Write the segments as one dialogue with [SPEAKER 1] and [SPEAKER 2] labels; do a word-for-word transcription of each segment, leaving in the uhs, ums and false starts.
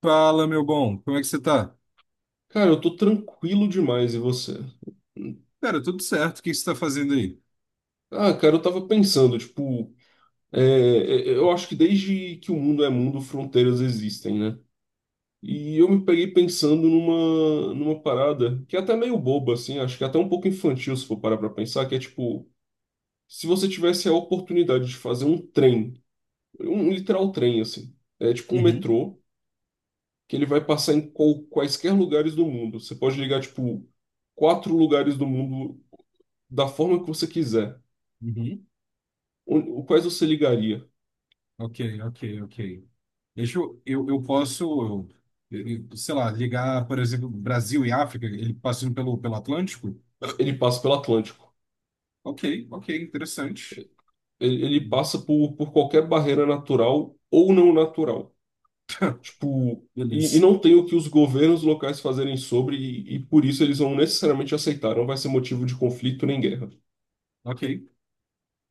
[SPEAKER 1] Fala, meu bom, como é que você tá?
[SPEAKER 2] Cara, eu tô tranquilo demais, e você?
[SPEAKER 1] Cara, tudo certo, o que você tá fazendo aí?
[SPEAKER 2] Ah, cara, eu tava pensando, tipo, é, é, é, eu acho que desde que o mundo é mundo, fronteiras existem, né? E eu me peguei pensando numa, numa parada que é até meio boba, assim, acho que é até um pouco infantil se for parar pra pensar, que é tipo, se você tivesse a oportunidade de fazer um trem, um literal trem, assim, é tipo um
[SPEAKER 1] Uhum,
[SPEAKER 2] metrô, que ele vai passar em qual- quaisquer lugares do mundo. Você pode ligar, tipo, quatro lugares do mundo da forma que você quiser.
[SPEAKER 1] uhum.
[SPEAKER 2] O, o quais você ligaria?
[SPEAKER 1] Ok, ok, ok. Deixa eu, eu, eu posso, eu- eu- sei lá, ligar, por exemplo, Brasil e África, ele passando pelo, pelo Atlântico?
[SPEAKER 2] Ele passa pelo Atlântico.
[SPEAKER 1] Ok, ok, interessante.
[SPEAKER 2] Ele, ele passa por, por qualquer barreira natural ou não natural. Tipo, e, e
[SPEAKER 1] Beleza.
[SPEAKER 2] não tem o que os governos locais fazerem sobre, e, e por isso eles vão necessariamente aceitar. Não vai ser motivo de conflito nem guerra.
[SPEAKER 1] Ok.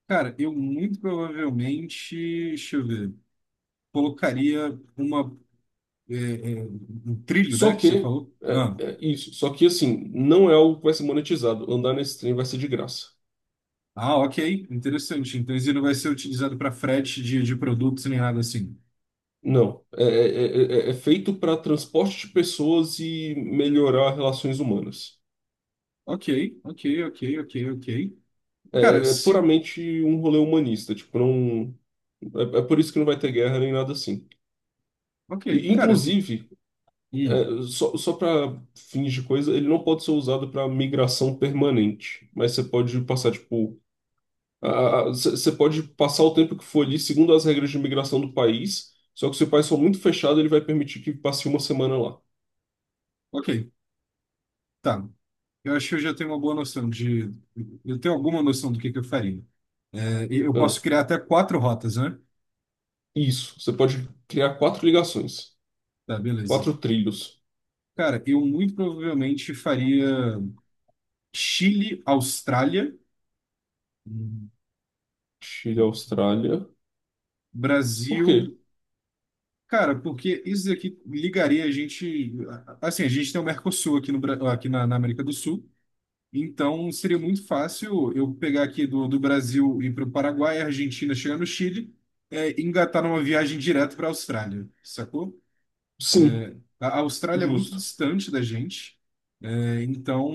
[SPEAKER 1] Cara, eu muito provavelmente, deixa eu ver, colocaria uma, é, é, um trilho, né,
[SPEAKER 2] Só
[SPEAKER 1] que você
[SPEAKER 2] que,
[SPEAKER 1] falou.
[SPEAKER 2] é,
[SPEAKER 1] Ah,
[SPEAKER 2] é isso. Só que, assim, não é algo que vai ser monetizado. Andar nesse trem vai ser de graça.
[SPEAKER 1] ah, ok, interessante. Então, isso não vai ser utilizado para frete de, de produtos nem nada assim.
[SPEAKER 2] Não. É, é, é, é é feito para transporte de pessoas e melhorar relações humanas.
[SPEAKER 1] Ok, ok, ok, ok, ok.
[SPEAKER 2] É,
[SPEAKER 1] Cara,
[SPEAKER 2] é é
[SPEAKER 1] se.
[SPEAKER 2] puramente um rolê humanista, tipo, não, É, é por isso que não vai ter guerra nem nada assim.
[SPEAKER 1] Ok,
[SPEAKER 2] E,
[SPEAKER 1] cara.
[SPEAKER 2] inclusive,
[SPEAKER 1] Hum,
[SPEAKER 2] é, só, só para fins de coisa, ele não pode ser usado para migração permanente. Mas você pode passar, tipo. a- a- Você você pode passar o tempo que for ali, segundo as regras de migração do país. Só que se o país for muito fechado, ele vai permitir que passe uma semana lá.
[SPEAKER 1] ok. Tá. Eu acho que eu já tenho uma boa noção de. Eu tenho alguma noção do que que eu faria. É, e eu
[SPEAKER 2] Ah,
[SPEAKER 1] posso criar até quatro rotas, né?
[SPEAKER 2] isso. Você pode criar quatro ligações,
[SPEAKER 1] Tá, beleza.
[SPEAKER 2] quatro trilhos.
[SPEAKER 1] Cara, eu muito provavelmente faria Chile, Austrália, hum,
[SPEAKER 2] Chile,
[SPEAKER 1] aqui.
[SPEAKER 2] Austrália. Por quê?
[SPEAKER 1] Brasil. Cara, porque isso aqui ligaria a gente. Assim, a gente tem o Mercosul aqui, no, Bra- aqui na, na América do Sul. Então, seria muito fácil eu pegar aqui do, do Brasil, ir para o Paraguai, Argentina, chegar no Chile, é, e engatar numa viagem direto para a Austrália, sacou?
[SPEAKER 2] Sim,
[SPEAKER 1] A a Austrália é muito
[SPEAKER 2] justo.
[SPEAKER 1] distante da gente, é, então,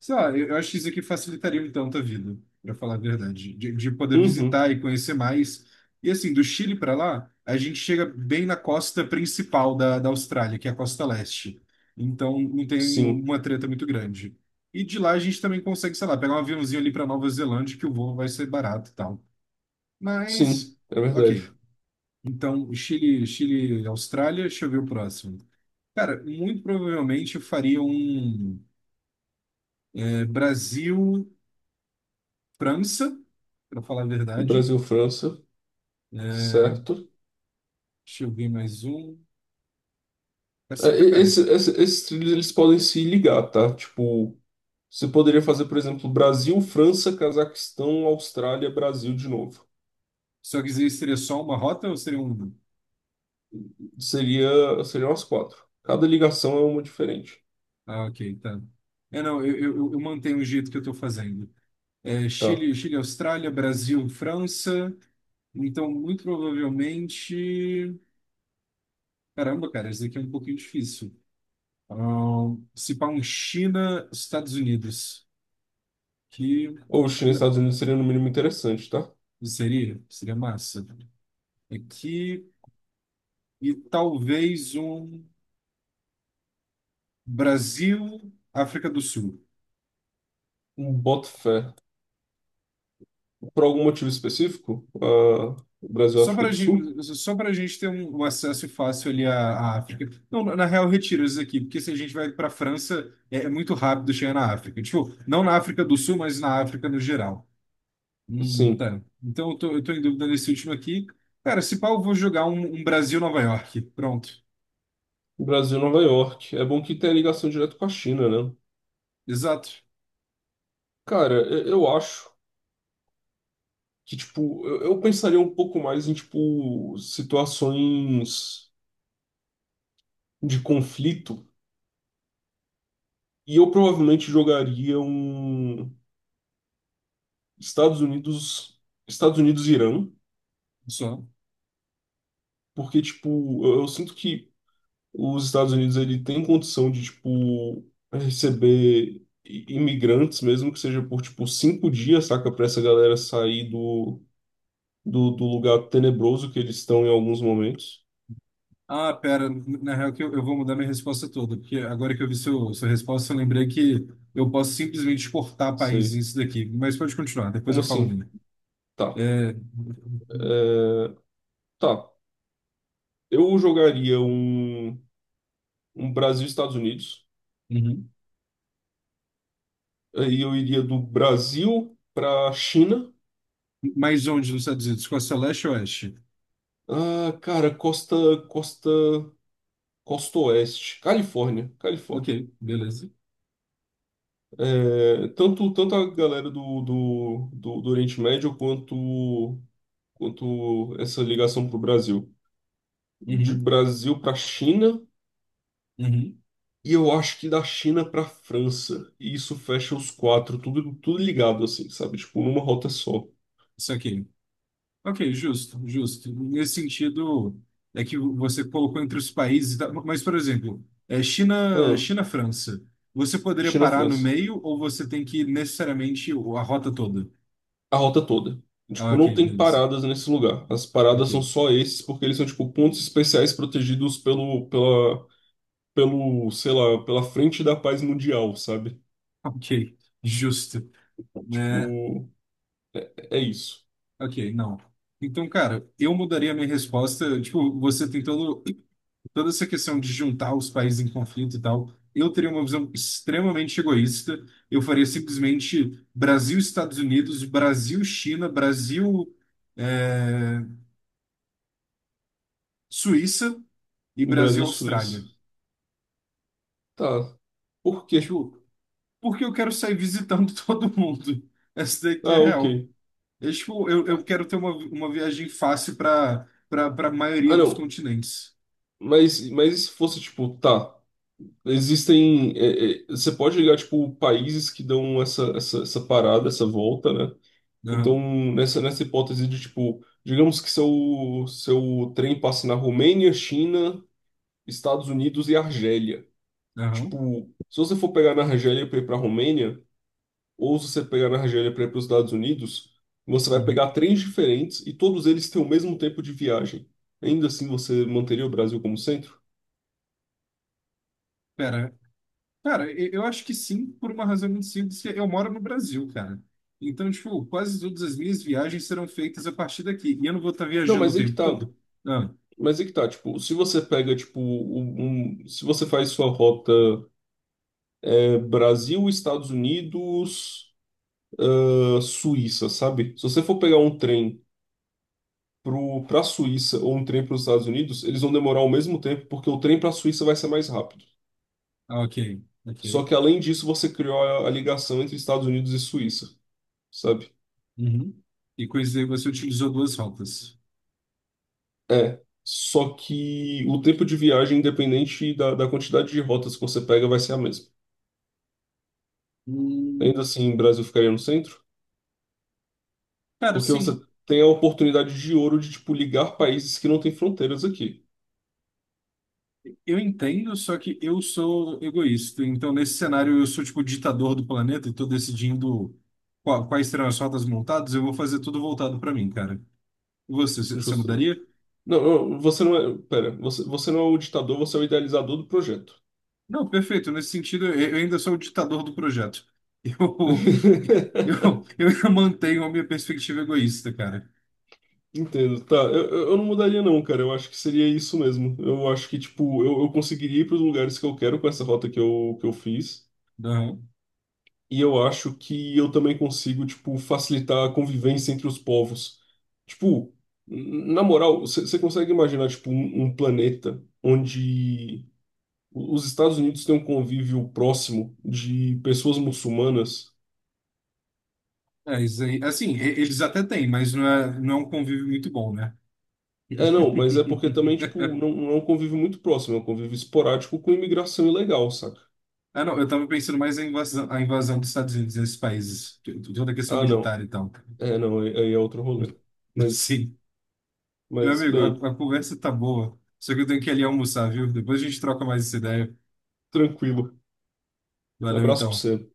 [SPEAKER 1] sei lá, eu eu acho que isso aqui facilitaria um tanto a vida, para falar a verdade, de, de poder
[SPEAKER 2] Uhum,
[SPEAKER 1] visitar e conhecer mais. E assim, do Chile para lá, a gente chega bem na costa principal da, da Austrália, que é a costa leste. Então, não tem
[SPEAKER 2] sim,
[SPEAKER 1] uma treta muito grande. E de lá a gente também consegue, sei lá, pegar um aviãozinho ali para Nova Zelândia, que o voo vai ser barato e tal. Mas,
[SPEAKER 2] sim, é
[SPEAKER 1] ok.
[SPEAKER 2] verdade.
[SPEAKER 1] Então, Chile, Chile, Austrália, deixa eu ver o próximo. Cara, muito provavelmente eu faria um é, Brasil, França, pra falar a verdade.
[SPEAKER 2] Brasil, França. Certo.
[SPEAKER 1] Deixa eu ver mais um.
[SPEAKER 2] É,
[SPEAKER 1] Caceta,
[SPEAKER 2] e-
[SPEAKER 1] cara.
[SPEAKER 2] esse- esse- esses trilhos eles podem se ligar, tá? Tipo, você poderia fazer, por exemplo, Brasil, França, Cazaquistão, Austrália, Brasil de novo.
[SPEAKER 1] Só que isso seria só uma rota ou seria um.
[SPEAKER 2] Seria, seriam as quatro. Cada ligação é uma diferente,
[SPEAKER 1] Ah, ok, tá. É, não, eu, eu, eu eu mantenho o jeito que eu tô fazendo. É,
[SPEAKER 2] tá?
[SPEAKER 1] Chile, Chile, Austrália, Brasil, França. Então, muito provavelmente. Caramba, cara, isso daqui é um pouquinho difícil. Ah, se pá um China, Estados Unidos. Que.
[SPEAKER 2] Ou China e
[SPEAKER 1] n-
[SPEAKER 2] Estados Unidos seria no mínimo interessante, tá?
[SPEAKER 1] Seria, seria massa. Aqui e talvez um Brasil, África do Sul.
[SPEAKER 2] Um Boto fé. Por algum motivo específico, ah, Brasil e
[SPEAKER 1] Só
[SPEAKER 2] África
[SPEAKER 1] para a
[SPEAKER 2] do Sul?
[SPEAKER 1] gente, só para gente ter um, um acesso fácil ali à, à África. Não, na na real, retira isso aqui, porque se a gente vai para a França, é, é muito rápido chegar na África. Tipo, não na África do Sul, mas na África no geral. Hum,
[SPEAKER 2] Sim,
[SPEAKER 1] tá. Então eu tô, eu tô em dúvida nesse último aqui. Cara, se pau, eu vou jogar um, um Brasil-Nova York. Pronto.
[SPEAKER 2] Brasil e Nova York. É bom que tenha ligação direto com a China, né?
[SPEAKER 1] Exato.
[SPEAKER 2] Cara, eu eu acho que, tipo, eu, eu pensaria um pouco mais em, tipo, situações de conflito e eu provavelmente jogaria um Estados Unidos, Estados Unidos e Irã,
[SPEAKER 1] Só.
[SPEAKER 2] porque, tipo, eu, eu sinto que os Estados Unidos ele tem condição de tipo receber i- imigrantes, mesmo que seja por tipo cinco dias, saca, para essa galera sair do, do, do lugar tenebroso que eles estão em alguns momentos.
[SPEAKER 1] Ah, pera, na real que eu, eu vou mudar minha resposta toda, porque agora que eu vi seu, sua resposta, eu lembrei que eu posso simplesmente exportar
[SPEAKER 2] Sei.
[SPEAKER 1] países isso daqui. Mas pode continuar, depois
[SPEAKER 2] Como
[SPEAKER 1] eu falo a
[SPEAKER 2] assim?
[SPEAKER 1] minha.
[SPEAKER 2] Tá,
[SPEAKER 1] É...
[SPEAKER 2] tá. Eu jogaria um, um Brasil e Estados Unidos.
[SPEAKER 1] Uhum.
[SPEAKER 2] Aí eu iria do Brasil para China.
[SPEAKER 1] Mas onde nos Estados Unidos? Costa Leste ou Oeste?
[SPEAKER 2] Ah, cara, costa, costa, costa oeste, Califórnia,
[SPEAKER 1] Ok,
[SPEAKER 2] Califórnia.
[SPEAKER 1] beleza.
[SPEAKER 2] É, tanto, tanto a galera do, do, do, do Oriente Médio quanto, quanto essa ligação para o Brasil. De
[SPEAKER 1] Uhum.
[SPEAKER 2] Brasil para China
[SPEAKER 1] Uhum.
[SPEAKER 2] e eu acho que da China para França. E isso fecha os quatro, tudo, tudo ligado assim, sabe? Tipo, numa rota só.
[SPEAKER 1] Isso aqui. Ok, justo, justo. Nesse sentido, é que você colocou entre os países, e mas, por exemplo, é China,
[SPEAKER 2] Ah,
[SPEAKER 1] China, França. Você poderia parar no
[SPEAKER 2] China-França.
[SPEAKER 1] meio ou você tem que ir necessariamente a rota toda?
[SPEAKER 2] A rota toda.
[SPEAKER 1] Ah,
[SPEAKER 2] Tipo,
[SPEAKER 1] ok,
[SPEAKER 2] não tem
[SPEAKER 1] beleza.
[SPEAKER 2] paradas nesse lugar. As
[SPEAKER 1] Ok.
[SPEAKER 2] paradas são só esses porque eles são, tipo, pontos especiais protegidos pelo, pela, pelo, sei lá, pela frente da paz mundial, sabe?
[SPEAKER 1] Ok. Justo, né?
[SPEAKER 2] Tipo. É isso.
[SPEAKER 1] Ok, não. Então, cara, eu mudaria a minha resposta. Tipo, você tem todo, toda essa questão de juntar os países em conflito e tal. Eu teria uma visão extremamente egoísta. Eu faria simplesmente Brasil, Estados Unidos, Brasil, China, Brasil, é, Suíça e Brasil,
[SPEAKER 2] Brasil, Suíça.
[SPEAKER 1] Austrália.
[SPEAKER 2] Tá. Por quê?
[SPEAKER 1] Tipo, porque eu quero sair visitando todo mundo. Essa daqui é
[SPEAKER 2] Ah,
[SPEAKER 1] a
[SPEAKER 2] ok.
[SPEAKER 1] real. Eu, tipo, eu, eu quero ter uma, uma viagem fácil para para a maioria
[SPEAKER 2] Ah,
[SPEAKER 1] dos
[SPEAKER 2] não.
[SPEAKER 1] continentes.
[SPEAKER 2] Mas, mas e se fosse, tipo, tá. Existem. é, é, você pode ligar, tipo, países que dão essa, essa, essa parada, essa volta, né? Então,
[SPEAKER 1] Aham,
[SPEAKER 2] nessa, nessa hipótese de, tipo, digamos que seu, seu trem passe na Romênia, China, Estados Unidos e Argélia.
[SPEAKER 1] aham.
[SPEAKER 2] Tipo, se você for pegar na Argélia para ir pra Romênia. Ou se você pegar na Argélia para ir para os Estados Unidos, você vai
[SPEAKER 1] Uhum.
[SPEAKER 2] pegar trens diferentes e todos eles têm o mesmo tempo de viagem. Ainda assim, você manteria o Brasil como centro?
[SPEAKER 1] Pera, cara, eu eu acho que sim, por uma razão muito simples, que eu moro no Brasil, cara. Então, tipo, quase todas as minhas viagens serão feitas a partir daqui. E eu não vou estar
[SPEAKER 2] Não,
[SPEAKER 1] viajando o
[SPEAKER 2] mas é que
[SPEAKER 1] tempo
[SPEAKER 2] tá.
[SPEAKER 1] todo. Ah,
[SPEAKER 2] Mas é que tá, tipo, se você pega, tipo, um, um- se você faz sua rota é, Brasil, Estados Unidos, ah, Suíça, sabe? Se você for pegar um trem pro, pra Suíça ou um trem para os Estados Unidos, eles vão demorar o mesmo tempo, porque o trem pra Suíça vai ser mais rápido.
[SPEAKER 1] ah, ok, ok.
[SPEAKER 2] Só que além disso, você criou a, a ligação entre Estados Unidos e Suíça, sabe?
[SPEAKER 1] Uhum. E com isso aí você utilizou duas rotas.
[SPEAKER 2] É. Só que o tempo de viagem, independente da, da quantidade de rotas que você pega, vai ser a mesma. Ainda
[SPEAKER 1] Hum,
[SPEAKER 2] assim, o Brasil ficaria no centro,
[SPEAKER 1] cara,
[SPEAKER 2] porque você
[SPEAKER 1] sim.
[SPEAKER 2] tem a oportunidade de ouro de, tipo, ligar países que não têm fronteiras aqui.
[SPEAKER 1] Eu entendo, só que eu sou egoísta. Então, nesse cenário, eu sou tipo o ditador do planeta e tô decidindo qua- quais serão as rotas montadas. Eu vou fazer tudo voltado para mim, cara. E você, c- você
[SPEAKER 2] Justo.
[SPEAKER 1] mudaria?
[SPEAKER 2] Não, não, você não é. Pera, você, você não é o ditador, você é o idealizador do projeto.
[SPEAKER 1] Não, perfeito. Nesse sentido, eu eu ainda sou o ditador do projeto. Eu, eu, eu ainda mantenho a minha perspectiva egoísta, cara.
[SPEAKER 2] Entendo, tá. Eu, eu eu não mudaria, não, cara. Eu acho que seria isso mesmo. Eu acho que, tipo, eu, eu conseguiria ir para os lugares que eu quero com essa rota que eu, que eu fiz.
[SPEAKER 1] Não.
[SPEAKER 2] E eu acho que eu também consigo, tipo, facilitar a convivência entre os povos. Tipo, n- na moral, você consegue imaginar, tipo, um, um planeta onde o- os Estados Unidos têm um convívio próximo de pessoas muçulmanas?
[SPEAKER 1] É, isso aí. Assim, e- eles até têm, mas não é, não é um convívio muito bom, né?
[SPEAKER 2] É, não, mas é porque também, tipo, não, não é um convívio muito próximo, é um convívio esporádico com imigração ilegal, saca?
[SPEAKER 1] Ah, não, eu tava pensando mais em invasão, a invasão dos Estados Unidos nesses países, t- toda a questão
[SPEAKER 2] Ah, não.
[SPEAKER 1] militar e tal.
[SPEAKER 2] É, não, aí aí é outro rolê. Mas,
[SPEAKER 1] Sim. Meu
[SPEAKER 2] mas
[SPEAKER 1] amigo,
[SPEAKER 2] bem,
[SPEAKER 1] a, a conversa tá boa, só que eu tenho que ir ali almoçar, viu? Depois a gente troca mais essa ideia.
[SPEAKER 2] tranquilo. Um
[SPEAKER 1] Valeu,
[SPEAKER 2] abraço pra
[SPEAKER 1] então. Falou.
[SPEAKER 2] você.